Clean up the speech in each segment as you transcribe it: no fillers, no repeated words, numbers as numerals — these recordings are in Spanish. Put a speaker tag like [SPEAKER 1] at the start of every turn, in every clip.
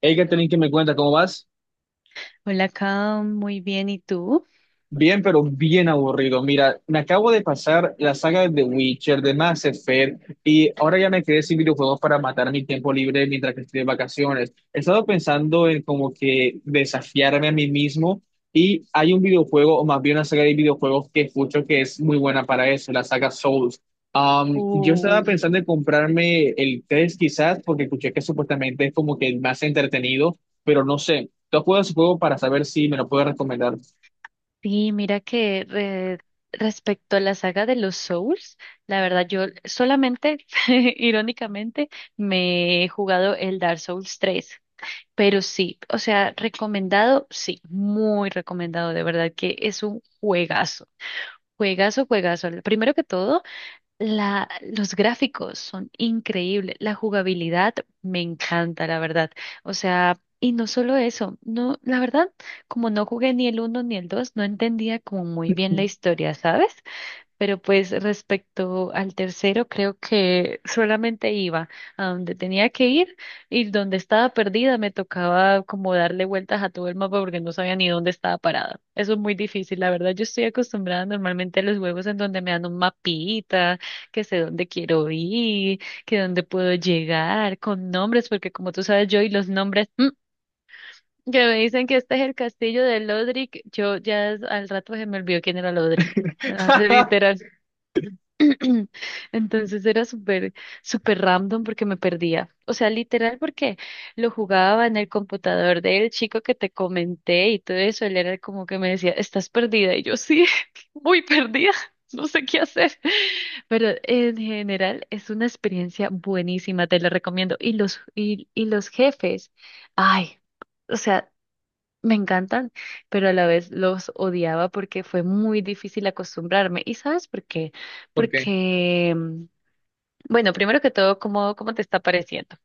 [SPEAKER 1] Hey, Catherine, ¿qué me cuenta? ¿Cómo vas?
[SPEAKER 2] Hola, Cam, muy bien. ¿Y tú?
[SPEAKER 1] Bien, pero bien aburrido. Mira, me acabo de pasar la saga de The Witcher, de Mass Effect, y ahora ya me quedé sin videojuegos para matar mi tiempo libre mientras que estoy de vacaciones. He estado pensando en como que desafiarme a mí mismo, y hay un videojuego, o más bien una saga de videojuegos que escucho que es muy buena para eso, la saga Souls. Yo estaba
[SPEAKER 2] Uf,
[SPEAKER 1] pensando en comprarme el 3 quizás, porque escuché que supuestamente es como que el más entretenido, pero no sé. ¿Tú has jugado ese juego para saber si me lo puedes recomendar?
[SPEAKER 2] Sí, respecto a la saga de los Souls, la verdad yo solamente, irónicamente, me he jugado el Dark Souls 3, pero sí, o sea, recomendado, sí, muy recomendado, de verdad que es un juegazo, juegazo, juegazo. Primero que todo, los gráficos son increíbles, la jugabilidad me encanta, la verdad. O sea, y no solo eso, no, la verdad, como no jugué ni el uno ni el 2 no entendía como muy bien la historia, ¿sabes? Pero pues respecto al tercero, creo que solamente iba a donde tenía que ir y donde estaba perdida me tocaba como darle vueltas a todo el mapa porque no sabía ni dónde estaba parada. Eso es muy difícil, la verdad. Yo estoy acostumbrada normalmente a los juegos en donde me dan un mapita, que sé dónde quiero ir, que dónde puedo llegar, con nombres, porque como tú sabes, yo y los nombres, que me dicen que este es el castillo de Lodric, yo ya al rato se me olvidó quién era Lodric. Ah, literal. Entonces era súper, súper random porque me perdía. O sea, literal porque lo jugaba en el computador del chico que te comenté y todo eso. Él era como que me decía, estás perdida. Y yo sí, muy perdida. No sé qué hacer. Pero en general es una experiencia buenísima, te la recomiendo. Y los jefes, ay. O sea, me encantan, pero a la vez los odiaba porque fue muy difícil acostumbrarme. ¿Y sabes por qué?
[SPEAKER 1] ¿Por qué?
[SPEAKER 2] Porque, mm, bueno, primero que todo, ¿ cómo te está pareciendo?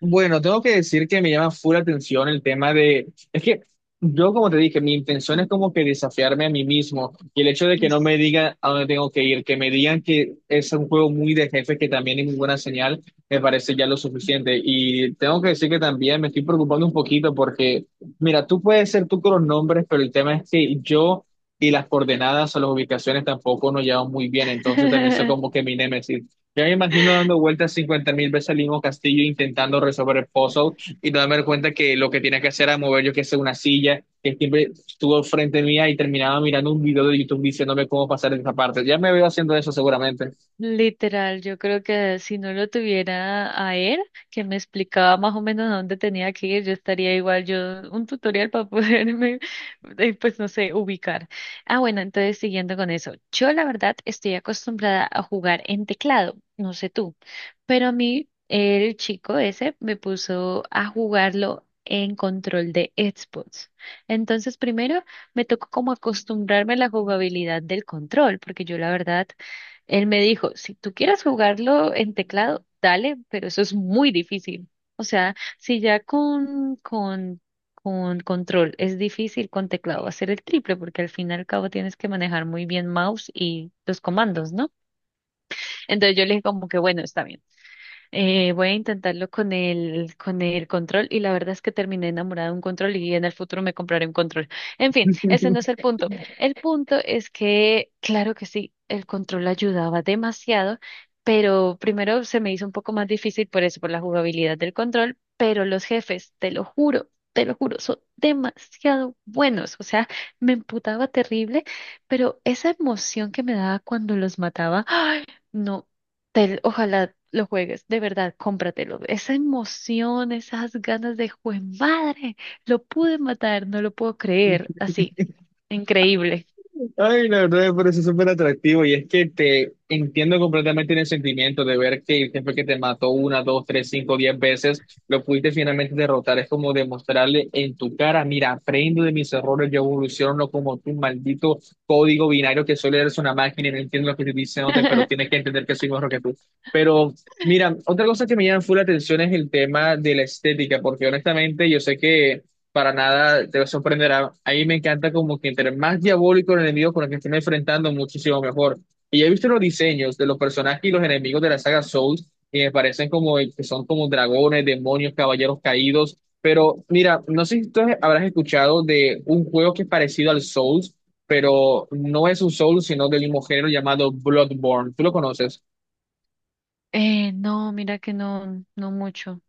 [SPEAKER 1] Bueno, tengo que decir que me llama full atención el tema de, es que yo como te dije, mi intención es como que desafiarme a mí mismo y el hecho de que
[SPEAKER 2] Mm.
[SPEAKER 1] no me digan a dónde tengo que ir, que me digan que es un juego muy de jefe, que también es muy buena señal, me parece ya lo suficiente. Y tengo que decir que también me estoy preocupando un poquito porque, mira, tú puedes ser tú con los nombres, pero el tema es que yo... Y las coordenadas o las ubicaciones tampoco nos llevan muy bien, entonces también soy como que mi némesis. Ya me imagino dando vueltas 50 mil veces al mismo castillo intentando resolver el puzzle y no darme cuenta que lo que tenía que hacer era mover yo que sé una silla que siempre estuvo frente mía y terminaba mirando un video de YouTube diciéndome cómo pasar esa parte. Ya me veo haciendo eso seguramente.
[SPEAKER 2] Literal, yo creo que si no lo tuviera a él, que me explicaba más o menos a dónde tenía que ir, yo estaría igual, yo un tutorial para poderme, pues no sé, ubicar. Ah, bueno, entonces siguiendo con eso, yo la verdad estoy acostumbrada a jugar en teclado, no sé tú, pero a mí el chico ese me puso a jugarlo en control de Xbox. Entonces primero me tocó como acostumbrarme a la jugabilidad del control, porque yo la verdad él me dijo, si tú quieres jugarlo en teclado, dale, pero eso es muy difícil. O sea, si ya con control es difícil, con teclado va a ser el triple, porque al fin y al cabo tienes que manejar muy bien mouse y los comandos, ¿no? Entonces yo le dije como que bueno, está bien. Voy a intentarlo con el control y la verdad es que terminé enamorada de un control y en el futuro me compraré un control. En fin, ese no es el punto. El punto es que, claro que sí, el control ayudaba demasiado, pero primero se me hizo un poco más difícil por eso, por la jugabilidad del control, pero los jefes, te lo juro. Te lo juro, son demasiado buenos. O sea, me emputaba terrible, pero esa emoción que me daba cuando los mataba no, ojalá lo juegues, de verdad, cómpratelo. Esa emoción, esas ganas de juez, madre, lo pude matar, no lo puedo creer, así, increíble.
[SPEAKER 1] Ay, la verdad me parece súper atractivo y es que te entiendo completamente en el sentimiento de ver que el jefe que te mató una, dos, tres, cinco, diez veces, lo pudiste finalmente derrotar. Es como demostrarle en tu cara, mira, aprendo de mis errores, yo evoluciono como tu maldito código binario que solo eres una máquina y no entiendo lo que estoy diciéndote, pero tienes que entender que soy mejor que tú. Pero mira, otra cosa que me llama full la atención es el tema de la estética, porque honestamente yo sé que para nada te sorprenderá. A mí me encanta como que entre más diabólico el enemigo con el que estén enfrentando, muchísimo mejor. Y he visto los diseños de los personajes y los enemigos de la saga Souls, y me parecen como que son como dragones, demonios, caballeros caídos. Pero mira, no sé si tú habrás escuchado de un juego que es parecido al Souls, pero no es un Souls, sino del mismo género llamado Bloodborne. ¿Tú lo conoces?
[SPEAKER 2] No, mira que no, no mucho.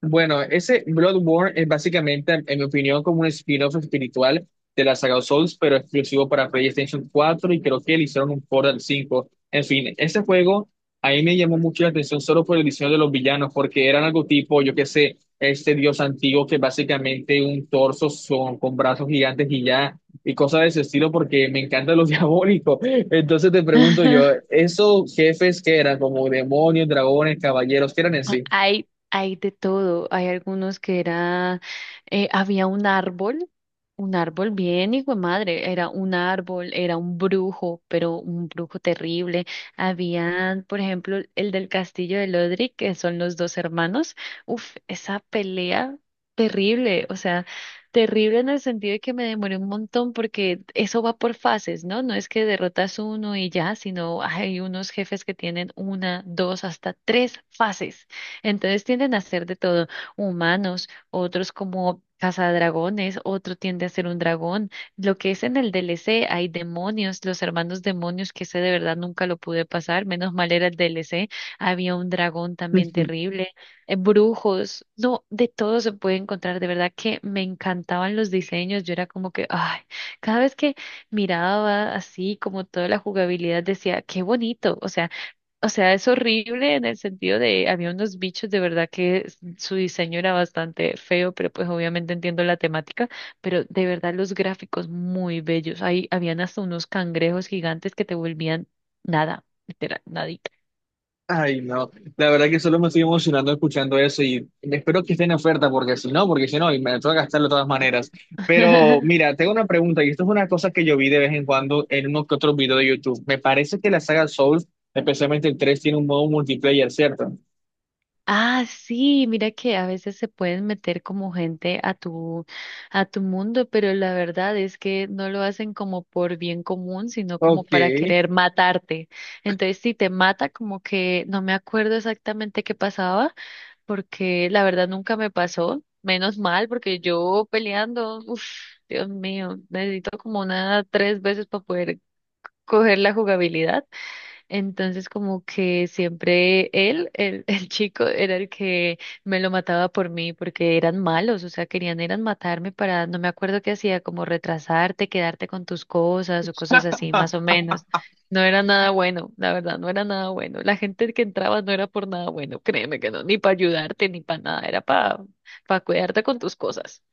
[SPEAKER 1] Bueno, ese Bloodborne es básicamente, en mi opinión, como un spin-off espiritual de la saga Souls, pero exclusivo para PlayStation 4 y creo que le hicieron un port al 5. En fin, ese juego a mí me llamó mucho la atención solo por el diseño de los villanos, porque eran algo tipo, yo qué sé, este dios antiguo que básicamente un torso son, con brazos gigantes y ya, y cosas de ese estilo, porque me encanta lo diabólico. Entonces te pregunto yo, ¿esos jefes que eran como demonios, dragones, caballeros, qué eran en sí?
[SPEAKER 2] Hay de todo. Hay algunos que eran había un árbol bien hijo de madre, era un árbol, era un brujo, pero un brujo terrible. Habían, por ejemplo, el del castillo de Lodric, que son los dos hermanos. Uf, esa pelea terrible, o sea, terrible en el sentido de que me demoré un montón porque eso va por fases, ¿no? No es que derrotas uno y ya, sino hay unos jefes que tienen una, dos, hasta tres fases. Entonces tienden a ser de todo humanos otros como Cazadragones, otro tiende a ser un dragón. Lo que es en el DLC, hay demonios, los hermanos demonios, que ese de verdad nunca lo pude pasar, menos mal era el DLC, había un dragón también terrible, brujos, no, de todo se puede encontrar, de verdad que me encantaban los diseños, yo era como que, ay, cada vez que miraba así como toda la jugabilidad decía, qué bonito, o sea, es horrible en el sentido de, había unos bichos de verdad que su diseño era bastante feo, pero pues obviamente entiendo la temática, pero de verdad los gráficos muy bellos. Ahí habían hasta unos cangrejos gigantes que te volvían nada, literal, nadita.
[SPEAKER 1] Ay, no. La verdad que solo me estoy emocionando escuchando eso y espero que esté en oferta porque si no, y me tengo que gastarlo de todas maneras. Pero mira, tengo una pregunta y esto es una cosa que yo vi de vez en cuando en uno que otro video de YouTube. Me parece que la saga Souls, especialmente el 3, tiene un modo multiplayer, ¿cierto?
[SPEAKER 2] Ah, sí, mira que a veces se pueden meter como gente a a tu mundo, pero la verdad es que no lo hacen como por bien común, sino como
[SPEAKER 1] Ok.
[SPEAKER 2] para querer matarte. Entonces, si te mata, como que no me acuerdo exactamente qué pasaba, porque la verdad nunca me pasó. Menos mal, porque yo peleando, uff, Dios mío, necesito como una tres veces para poder coger la jugabilidad. Entonces como que siempre el chico, era el que me lo mataba por mí porque eran malos, o sea, querían eran matarme para, no me acuerdo qué hacía, como retrasarte, quedarte con tus cosas o cosas así, más o menos. No era nada bueno, la verdad, no era nada bueno. La gente que entraba no era por nada bueno, créeme que no, ni para ayudarte, ni para nada, era para cuidarte con tus cosas.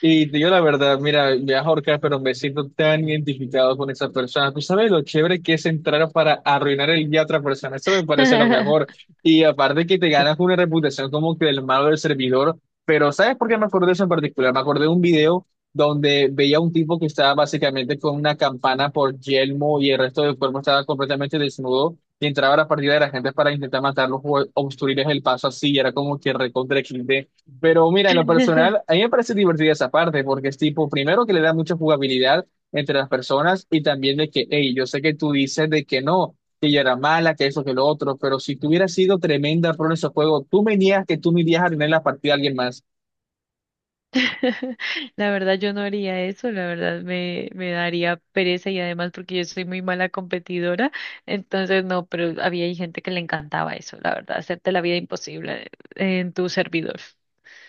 [SPEAKER 1] Y te digo la verdad, mira, me ahorca, pero me siento tan identificado con esa persona. Tú sabes lo chévere que es entrar para arruinar el día a otra persona. Eso me parece lo mejor. Y aparte que te ganas una reputación como que del malo del servidor. Pero ¿sabes por qué me acordé de eso en particular? Me acordé de un video donde veía a un tipo que estaba básicamente con una campana por yelmo y el resto del cuerpo estaba completamente desnudo. Y entraba a la partida de la gente para intentar matarlos o obstruirles el paso así. Y era como que recontra XD. Pero mira, en lo personal, a mí me parece divertida esa parte, porque es tipo, primero que le da mucha jugabilidad entre las personas y también de que, hey, yo sé que tú dices de que no, que ella era mala, que eso, que lo otro, pero si tú hubieras sido tremenda pro en ese juego, tú me niegas que tú me irías a tener la partida a alguien más.
[SPEAKER 2] La verdad yo no haría eso, la verdad me daría pereza y además porque yo soy muy mala competidora, entonces no, pero había ahí gente que le encantaba eso, la verdad, hacerte la vida imposible en tu servidor.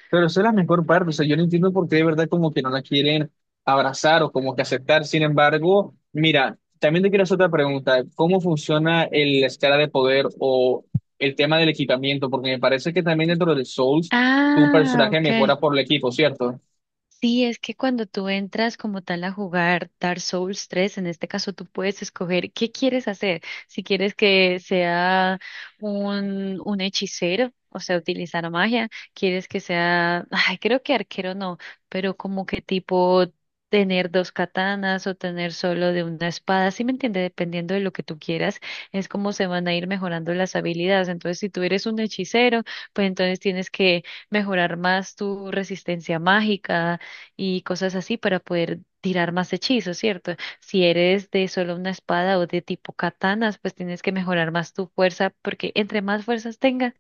[SPEAKER 1] Pero esa es la mejor parte, o sea, yo no entiendo por qué de verdad como que no la quieren abrazar o como que aceptar. Sin embargo, mira, también te quiero hacer otra pregunta, ¿cómo funciona el- la escala de poder o el tema del equipamiento? Porque me parece que también dentro de Souls tu
[SPEAKER 2] Ah,
[SPEAKER 1] personaje
[SPEAKER 2] ok.
[SPEAKER 1] mejora por el equipo, ¿cierto?
[SPEAKER 2] Sí, es que cuando tú entras como tal a jugar Dark Souls 3, en este caso tú puedes escoger qué quieres hacer. Si quieres que sea un hechicero, o sea, utilizar magia, quieres que sea, ay, creo que arquero no, pero como que tipo tener dos katanas o tener solo de una espada, ¿sí me entiende? Dependiendo de lo que tú quieras, es como se van a ir mejorando las habilidades. Entonces, si tú eres un hechicero, pues entonces tienes que mejorar más tu resistencia mágica y cosas así para poder tirar más hechizos, ¿cierto? Si eres de solo una espada o de tipo katanas, pues tienes que mejorar más tu fuerza, porque entre más fuerzas tengas,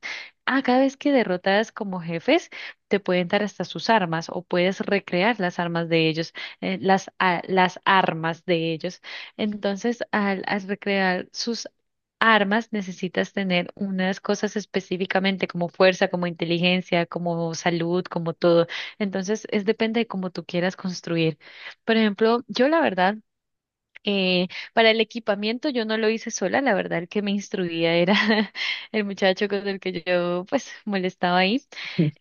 [SPEAKER 2] a cada vez que derrotas como jefes, te pueden dar hasta sus armas o puedes recrear las armas de ellos, las armas de ellos. Entonces, al recrear sus armas necesitas tener unas cosas específicamente como fuerza, como inteligencia, como salud, como todo. Entonces, es depende de cómo tú quieras construir. Por ejemplo, yo la verdad, eh, para el equipamiento yo no lo hice sola, la verdad el que me instruía era el muchacho con el que yo pues molestaba ahí.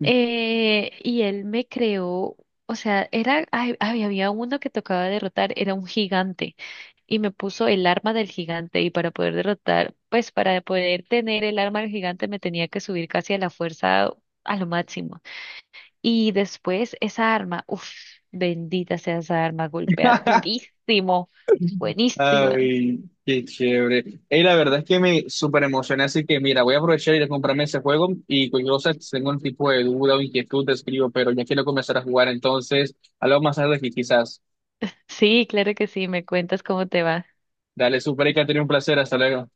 [SPEAKER 2] Y él me creó, o sea, era, ay, ay, había uno que tocaba derrotar, era un gigante, y me puso el arma del gigante, y para poder derrotar, pues para poder tener el arma del gigante me tenía que subir casi a la fuerza a lo máximo. Y después esa arma, uff, bendita sea esa arma, golpea durísimo, buenísima.
[SPEAKER 1] Ay, qué chévere. Y la verdad es que me súper emocioné, así que mira, voy a aprovechar y ir a comprarme ese juego y cualquier cosa, si tengo un tipo de duda o inquietud, te escribo, pero ya quiero comenzar a jugar, entonces, hablamos más tarde que quizás.
[SPEAKER 2] Sí, claro que sí, me cuentas cómo te va.
[SPEAKER 1] Dale, súper, y que ha tenido un placer, hasta luego.